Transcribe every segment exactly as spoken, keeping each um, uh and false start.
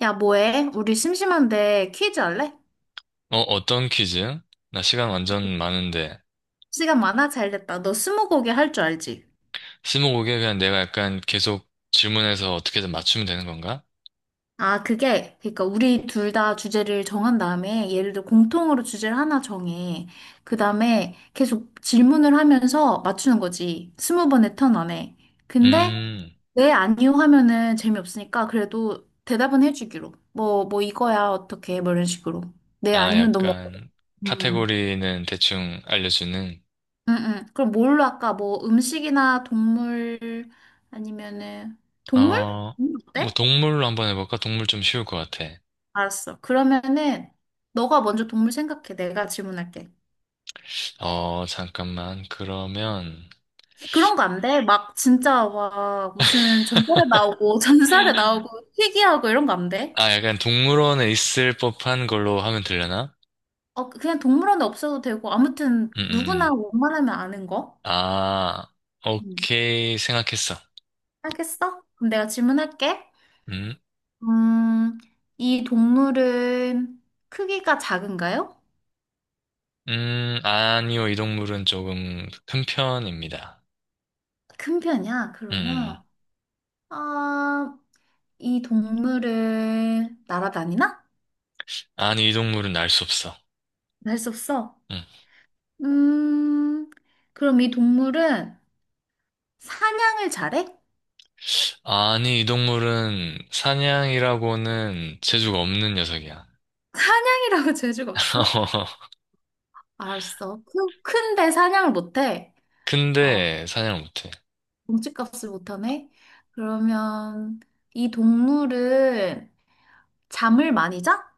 야, 뭐해? 우리 심심한데 퀴즈 할래? 어, 어떤 퀴즈? 나 시간 완전 많은데. 시간 많아? 잘 됐다. 너 스무고개 할 줄 알지? 스무고개 그냥 내가 약간 계속 질문해서 어떻게든 맞추면 되는 건가? 아, 그게, 그러니까 우리 둘 다 주제를 정한 다음에, 예를 들어 공통으로 주제를 하나 정해. 그 다음에 계속 질문을 하면서 맞추는 거지. 스무 번의 턴 안에. 근데, 음, 네, 아니요 하면은 재미없으니까 그래도 대답은 해주기로. 뭐, 뭐 이거야, 어떻게, 뭐 이런 식으로. 네, 아, 아니요, 너무. 약간 카테고리는 대충 알려주는. 응, 응. 그럼 뭘로 할까? 뭐 음식이나 동물 아니면은 동물? 어, 음. 뭐 어때? 동물로 한번 해볼까? 동물 좀 쉬울 것 같아. 알았어. 그러면은 너가 먼저 동물 생각해. 내가 질문할게. 어, 잠깐만. 그러면 그런 거 안 돼? 막 진짜 와 무슨 전설에 나오고 전설에 나오고 희귀하고 이런 거 안 돼? 아, 약간 동물원에 있을 법한 걸로 하면 되려나? 어 그냥 동물원에 없어도 되고 아무튼 음, 음, 음. 누구나 웬만하면 아는 거. 아, 음. 오케이. 생각했어. 알겠어? 그럼 내가 질문할게. 음. 음, 이 동물은 크기가 작은가요? 음, 아니요, 이 동물은 조금 큰 편입니다. 큰 편이야? 음, 그러면, 음. 아, 이 동물을 날아다니나? 아니, 이 동물은 날 수 없어. 할 수 없어. 음. 음, 그럼 이 동물은 사냥을 잘해? 아니, 이 동물은 사냥이라고는 재주가 없는 녀석이야. 사냥이라고 재주가 없어? 알았어. 크, 큰데 사냥을 못해. 어, 근데 사냥을 못해. 몸집값을 못하네. 그러면 이 동물은 잠을 많이 자?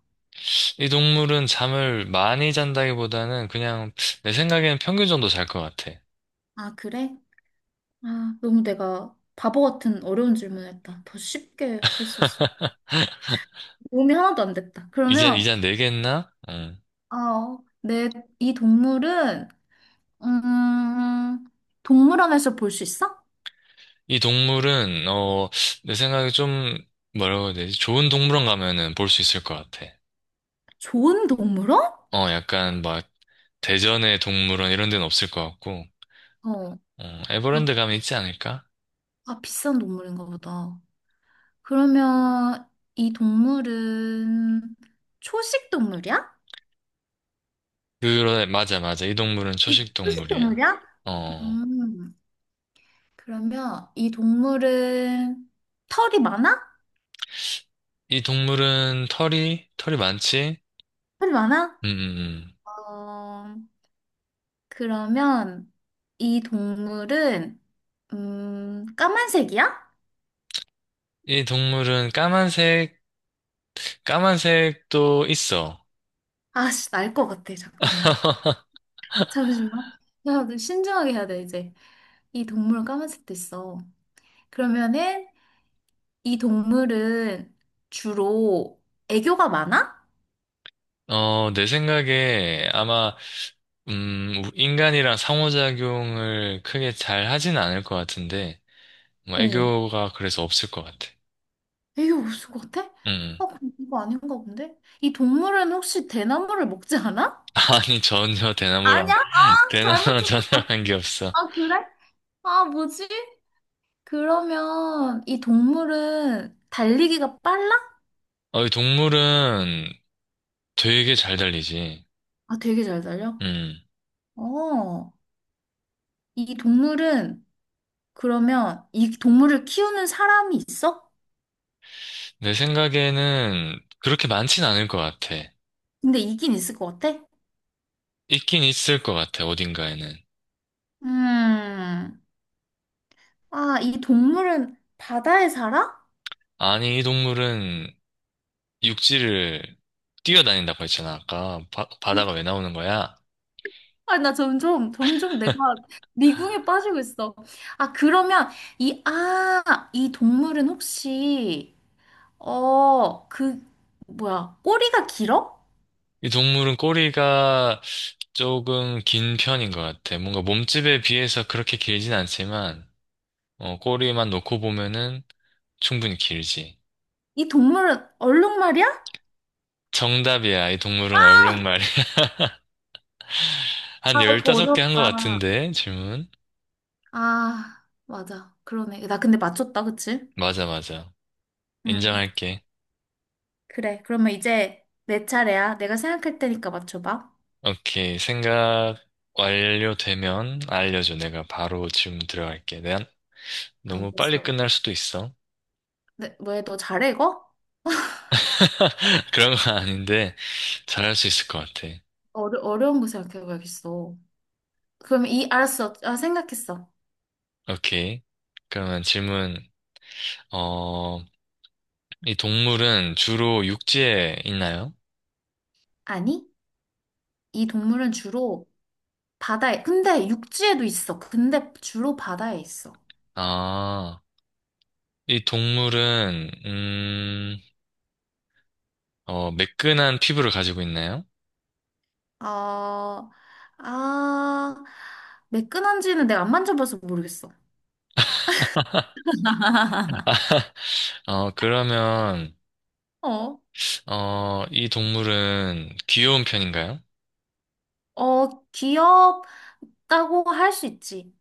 이 동물은 잠을 많이 잔다기보다는 그냥 내 생각에는 평균 정도 잘 것 같아. 아, 그래? 아, 너무 내가 바보 같은 어려운 질문을 했다. 더 쉽게 했었어. 도움이 하나도 안 됐다. 이제, 그러면 이제 네 개 했나? 음. 어, 내, 이 동물은, 음, 동물원에서 볼 수 있어? 이 동물은, 어, 내 생각에 좀, 뭐라고 해야 되지? 좋은 동물원 가면은 볼 수 있을 것 같아. 좋은 동물원? 어, 약간 막 대전의 동물원 이런 데는 없을 것 같고, 어, 어, 그- 에버랜드 가면 있지 않을까? 아, 비싼 동물인가 보다. 그러면 이 동물은 초식 동물이야? 그래, 맞아, 맞아. 이 동물은 이 초식 초식 동물이야. 동물이야? 어, 음, 그러면 이 동물은 털이 많아? 이 동물은 털이, 털이 많지? 털이 많아? 음, 음, 음. 어, 그러면 이 동물은, 음, 까만색이야? 이 동물은 까만색, 까만색도 있어. 아씨, 날 것 같아. 잠깐만. 잠시만. 야, 너 신중하게 해야 돼, 이제. 이 동물은 까만색도 있어. 그러면은, 이 동물은 주로 애교가 많아? 어, 내 생각에 아마, 음, 인간이랑 상호작용을 크게 잘 하진 않을 것 같은데, 뭐, 어. 애교가 그래서 없을 것 같아. 애교 없을 것 같아? 음. 아, 그럼 이거 아닌가 본데? 이 동물은 혹시 대나무를 먹지 않아? 아니, 전혀 대나무랑 아니야? 아, 대나 잘못 나전단 짚었다. 한 게 없어. 아, 그래? 아, 뭐지? 그러면 이 동물은 달리기가 빨라? 어, 이 동물은 되게 잘 달리지. 아, 되게 잘 달려? 음. 어. 이 동물은 그러면 이 동물을 키우는 사람이 있어? 내 생각에는 그렇게 많진 않을 것 같아. 근데 있긴 있을 것 같아? 있긴 있을 것 같아, 어딘가에는. 음, 아, 이 동물은 바다에 살아? 아니, 이 동물은 육지를 뛰어다닌다고 했잖아, 아까. 바, 바다가 왜 나오는 거야? 아, 나 점점, 점점 내가 미궁에 빠지고 있어. 아, 그러면 이, 아, 이 동물은 혹시, 어, 그, 뭐야, 꼬리가 길어? 이 동물은 꼬리가 조금 긴 편인 것 같아. 뭔가 몸집에 비해서 그렇게 길진 않지만, 어, 꼬리만 놓고 보면은 충분히 길지. 이 동물은 얼룩말이야? 정답이야, 이 동물은 얼룩말. 한 아, 이거 열다섯 개 한 것 어렵다. 같은데, 질문. 아, 맞아. 그러네. 나 근데 맞췄다, 그치? 맞아, 맞아. 응. 인정할게. 그래. 그러면 이제 내 차례야. 내가 생각할 테니까 맞춰봐. 오케이. 생각 완료되면 알려줘. 내가 바로 지금 들어갈게. 내가 너무 빨리 알겠어. 끝날 수도 있어. 네, 왜 너 잘해 이거? 그런 건 아닌데, 잘할 수 있을 것 같아. 어려, 어려운 거 생각해봐야겠어. 그럼 이, 알았어. 아, 생각했어. 오케이. 그러면 질문, 어, 이 동물은 주로 육지에 있나요? 아니, 이 동물은 주로 바다에, 근데 육지에도 있어. 근데 주로 바다에 있어. 아, 이 동물은, 음, 어, 매끈한 피부를 가지고 있나요? 어, 아, 매끈한지는 내가 안 만져봐서 모르겠어. 어, 그러면, 어, 어, 이 동물은 귀여운 편인가요? 어, 귀엽다고 할 수 있지.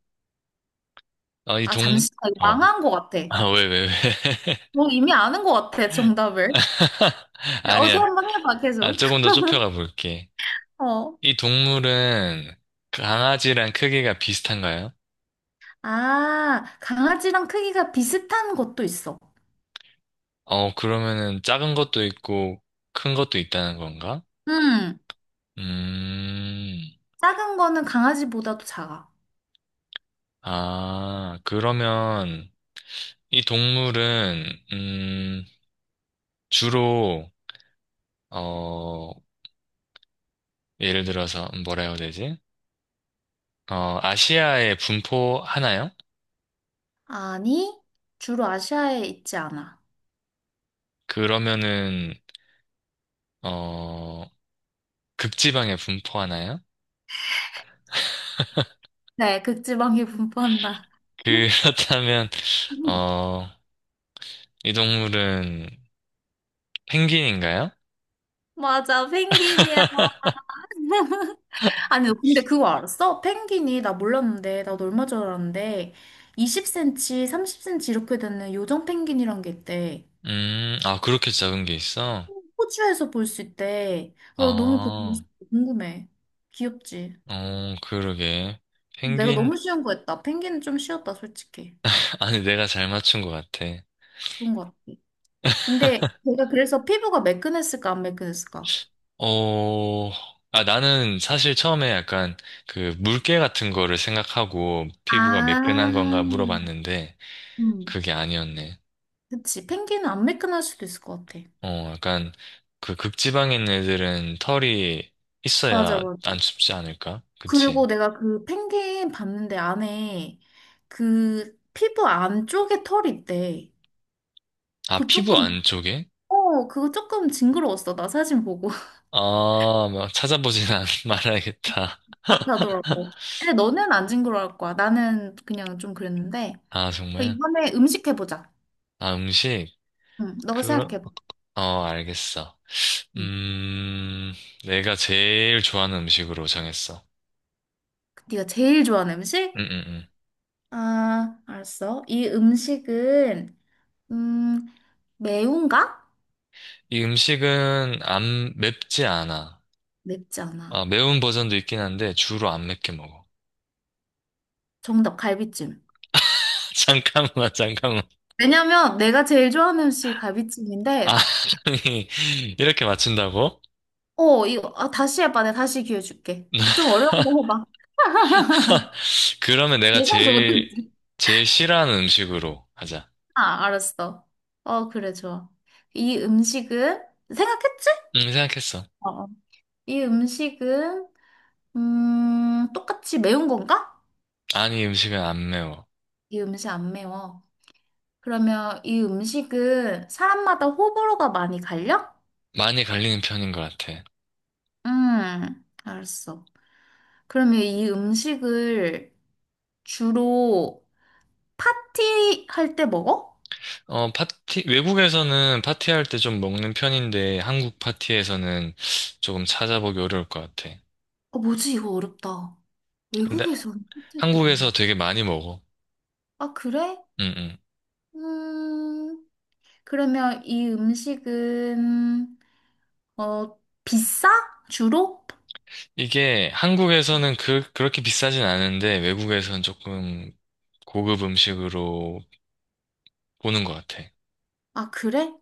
어, 이 아, 동, 잠시, 나 이거 어, 망한 것 같아. 아, 왜, 왜, 왜. 뭐 이미 아는 것 같아, 정답을. 네, 어디 아니야. 한번 해봐, 아, 계속. 조금 더 좁혀가 볼게. 어. 이 동물은 강아지랑 크기가 비슷한가요? 아, 강아지랑 크기가 비슷한 것도 있어. 어, 그러면은 작은 것도 있고 큰 것도 있다는 건가? 음, 음, 작은 거는 강아지보다도 작아. 아, 그러면 이 동물은, 음, 주로, 어, 예를 들어서 뭐라 해야 되지? 어, 아시아에 분포하나요? 아니, 주로 아시아에 있지 않아. 그러면은, 어, 극지방에 분포하나요? 네, 극지방이 분포한다. 그렇다면, 어, 이 동물은 펭귄인가요? 맞아, 펭귄이야. 아니, 근데 그거 알았어? 펭귄이, 나 몰랐는데, 나도 얼마 전 알았는데, 이십 센티미터, 삼십 센티미터 이렇게 되는 요정 펭귄이란 게 있대. 음, 아, 그렇게 작은 게 있어? 호주에서 볼 수 있대. 나 너무 그거 아, 궁금해. 귀엽지? 어, 그러게. 내가 펭귄, 너무 쉬운 거 했다. 펭귄은 좀 쉬웠다, 솔직히. 아니, 내가 잘 맞춘 것 같아. 그런 거 같아. 근데 내가 그래서 피부가 매끈했을까, 안 매끈했을까? 어, 아, 나는 사실 처음에 약간 그 물개 같은 거를 생각하고 아, 피부가 매끈한 건가 물어봤는데, 음, 그게 아니었네. 그치. 펭귄은 안 매끈할 수도 있을 것 같아. 어, 약간 그 극지방에 있는 애들은 털이 맞아, 있어야 맞아. 안 춥지 않을까? 그치? 그리고 내가 그 펭귄 봤는데 안에 그 피부 안쪽에 털이 있대. 아, 그 피부 조금, 안쪽에? 어, 그거 조금 징그러웠어. 나 사진 보고. 아, 막 찾아보진 않, 말아야겠다. 비슷하더라고. 근데 너는 안 징그러울 거야. 나는 그냥 좀 그랬는데. 아, 그럼 정말? 이번에 음식 해보자. 아, 음식? 응, 너가 그러, 생각해봐. 어, 알겠어. 응. 음, 내가 제일 좋아하는 음식으로 정했어. 네가 제일 좋아하는 음, 음식? 음, 음. 아, 알았어. 이 음식은, 음, 매운가? 이 음식은 안 맵지 않아. 맵지 아, 않아. 매운 버전도 있긴 한데 주로 안 맵게 먹어. 정답, 갈비찜. 잠깐만, 잠깐만. 왜냐면 내가 제일 좋아하는 음식이 아, 갈비찜인데, 아니, 이렇게 맞춘다고? 어, 이거, 아, 다시 해봐. 내가 다시 기회 줄게. 좀 어려운 거 해봐. 그러면 내가 예상도 제일, 못했지. 제일 싫어하는 음식으로 하자. 아, 알았어. 어, 그래, 좋아. 이 음식은, 생각했지? 응, 생각했어. 어, 어. 이 음식은 음, 똑같이 매운 건가? 아니, 음식은 안 매워. 이 음식 안 매워. 그러면 이 음식은 사람마다 호불호가 많이 갈려? 많이 갈리는 편인 것 같아. 음, 알았어. 그러면 이 음식을 주로 파티할 때 먹어? 어, 파티, 외국에서는 파티할 때 좀 먹는 편인데, 한국 파티에서는 조금 찾아보기 어려울 것 같아. 어, 뭐지? 이거 어렵다. 근데 외국에서는 파티할 때 많이 한국에서 먹어. 되게 많이 먹어. 아, 그래? 응, 응. 음, 그러면 이 음식은 어, 비싸? 주로? 이게 한국에서는 그, 그렇게 비싸진 않은데, 외국에서는 조금 고급 음식으로 보는 것 같아. 아, 그래?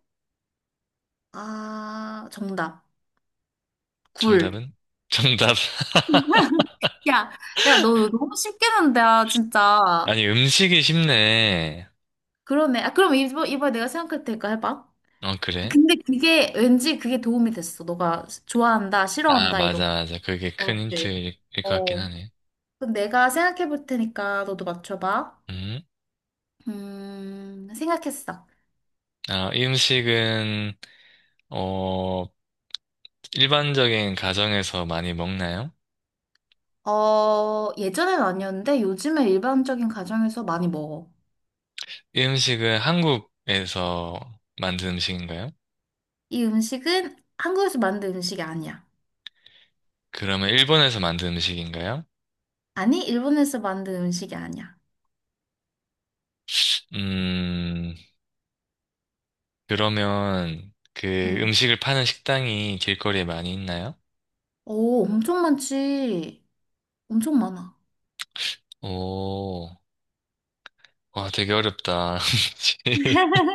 아, 정답. 굴. 정답은? 정답. 야, 야, 너 너무 쉽게 낸다, 진짜. 아니, 음식이 쉽네. 그러네. 아, 그럼 이번, 이번에 내가 생각할 테니까 해봐. 아, 어, 그래? 근데 그게 왠지 그게 도움이 됐어. 너가 좋아한다, 아, 싫어한다, 이런 맞아, 맞아. 그게 거. 큰 어때? 힌트일 것 같긴 어. 하네. 그럼 내가 생각해 볼 테니까 너도 맞춰봐. 음? 음, 생각했어. 아, 이 음식은, 어, 일반적인 가정에서 많이 먹나요? 어, 예전엔 아니었는데 요즘에 일반적인 가정에서 많이 먹어. 이 음식은 한국에서 만든 음식인가요? 이 음식은 한국에서 만든 음식이 아니야. 그러면 일본에서 만든 음식인가요? 아니, 일본에서 만든 음식이 아니야. 음, 그러면 그 응. 음식을 파는 식당이 길거리에 많이 있나요? 오, 엄청 많지. 엄청 많아. 오, 와, 되게 어렵다.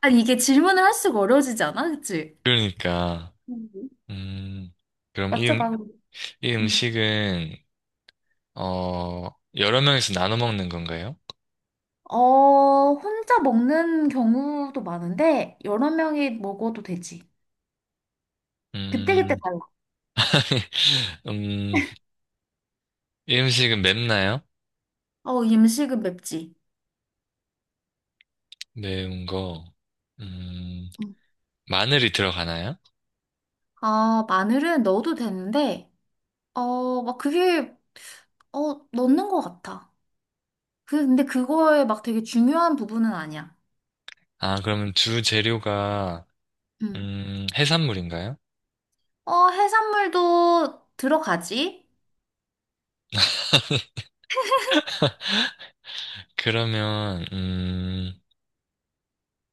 아니, 이게 질문을 할 수가 어려워지지 않아? 그치? 그러니까. 음. 음, 그럼 이, 맞춰봐. 음, 그럼. 이 응. 음식은, 어, 여러 명이서 나눠 먹는 건가요? 어, 혼자 먹는 경우도 많은데, 여러 명이 먹어도 되지. 그때그때 음, 달라. 음, 이 음식은 맵나요? 어, 이 음식은 맵지. 매운 거. 음, 응. 마늘이 들어가나요? 아, 마늘은 넣어도 되는데, 어, 막 그게, 어, 넣는 것 같아. 그- 근데 그거에 막 되게 중요한 부분은 아니야. 아, 그러면 주 재료가, 응. 음, 해산물인가요? 어, 해산물도 들어가지? 그러면, 음,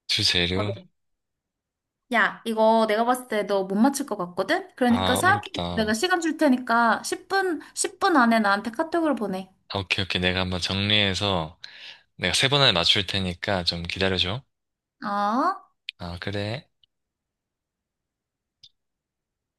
주 재료? 어려워. 야, 이거 내가 봤을 때 너 못 맞출 것 같거든? 그러니까 아, 생각해. 내가 어렵다. 시간 줄 테니까 십 분, 십 분 안에 나한테 카톡으로 보내. 아, 오케이, 오케이. 내가 한번 정리해서 내가 세 번 안에 맞출 테니까 좀 기다려줘. 어? 아, 그래.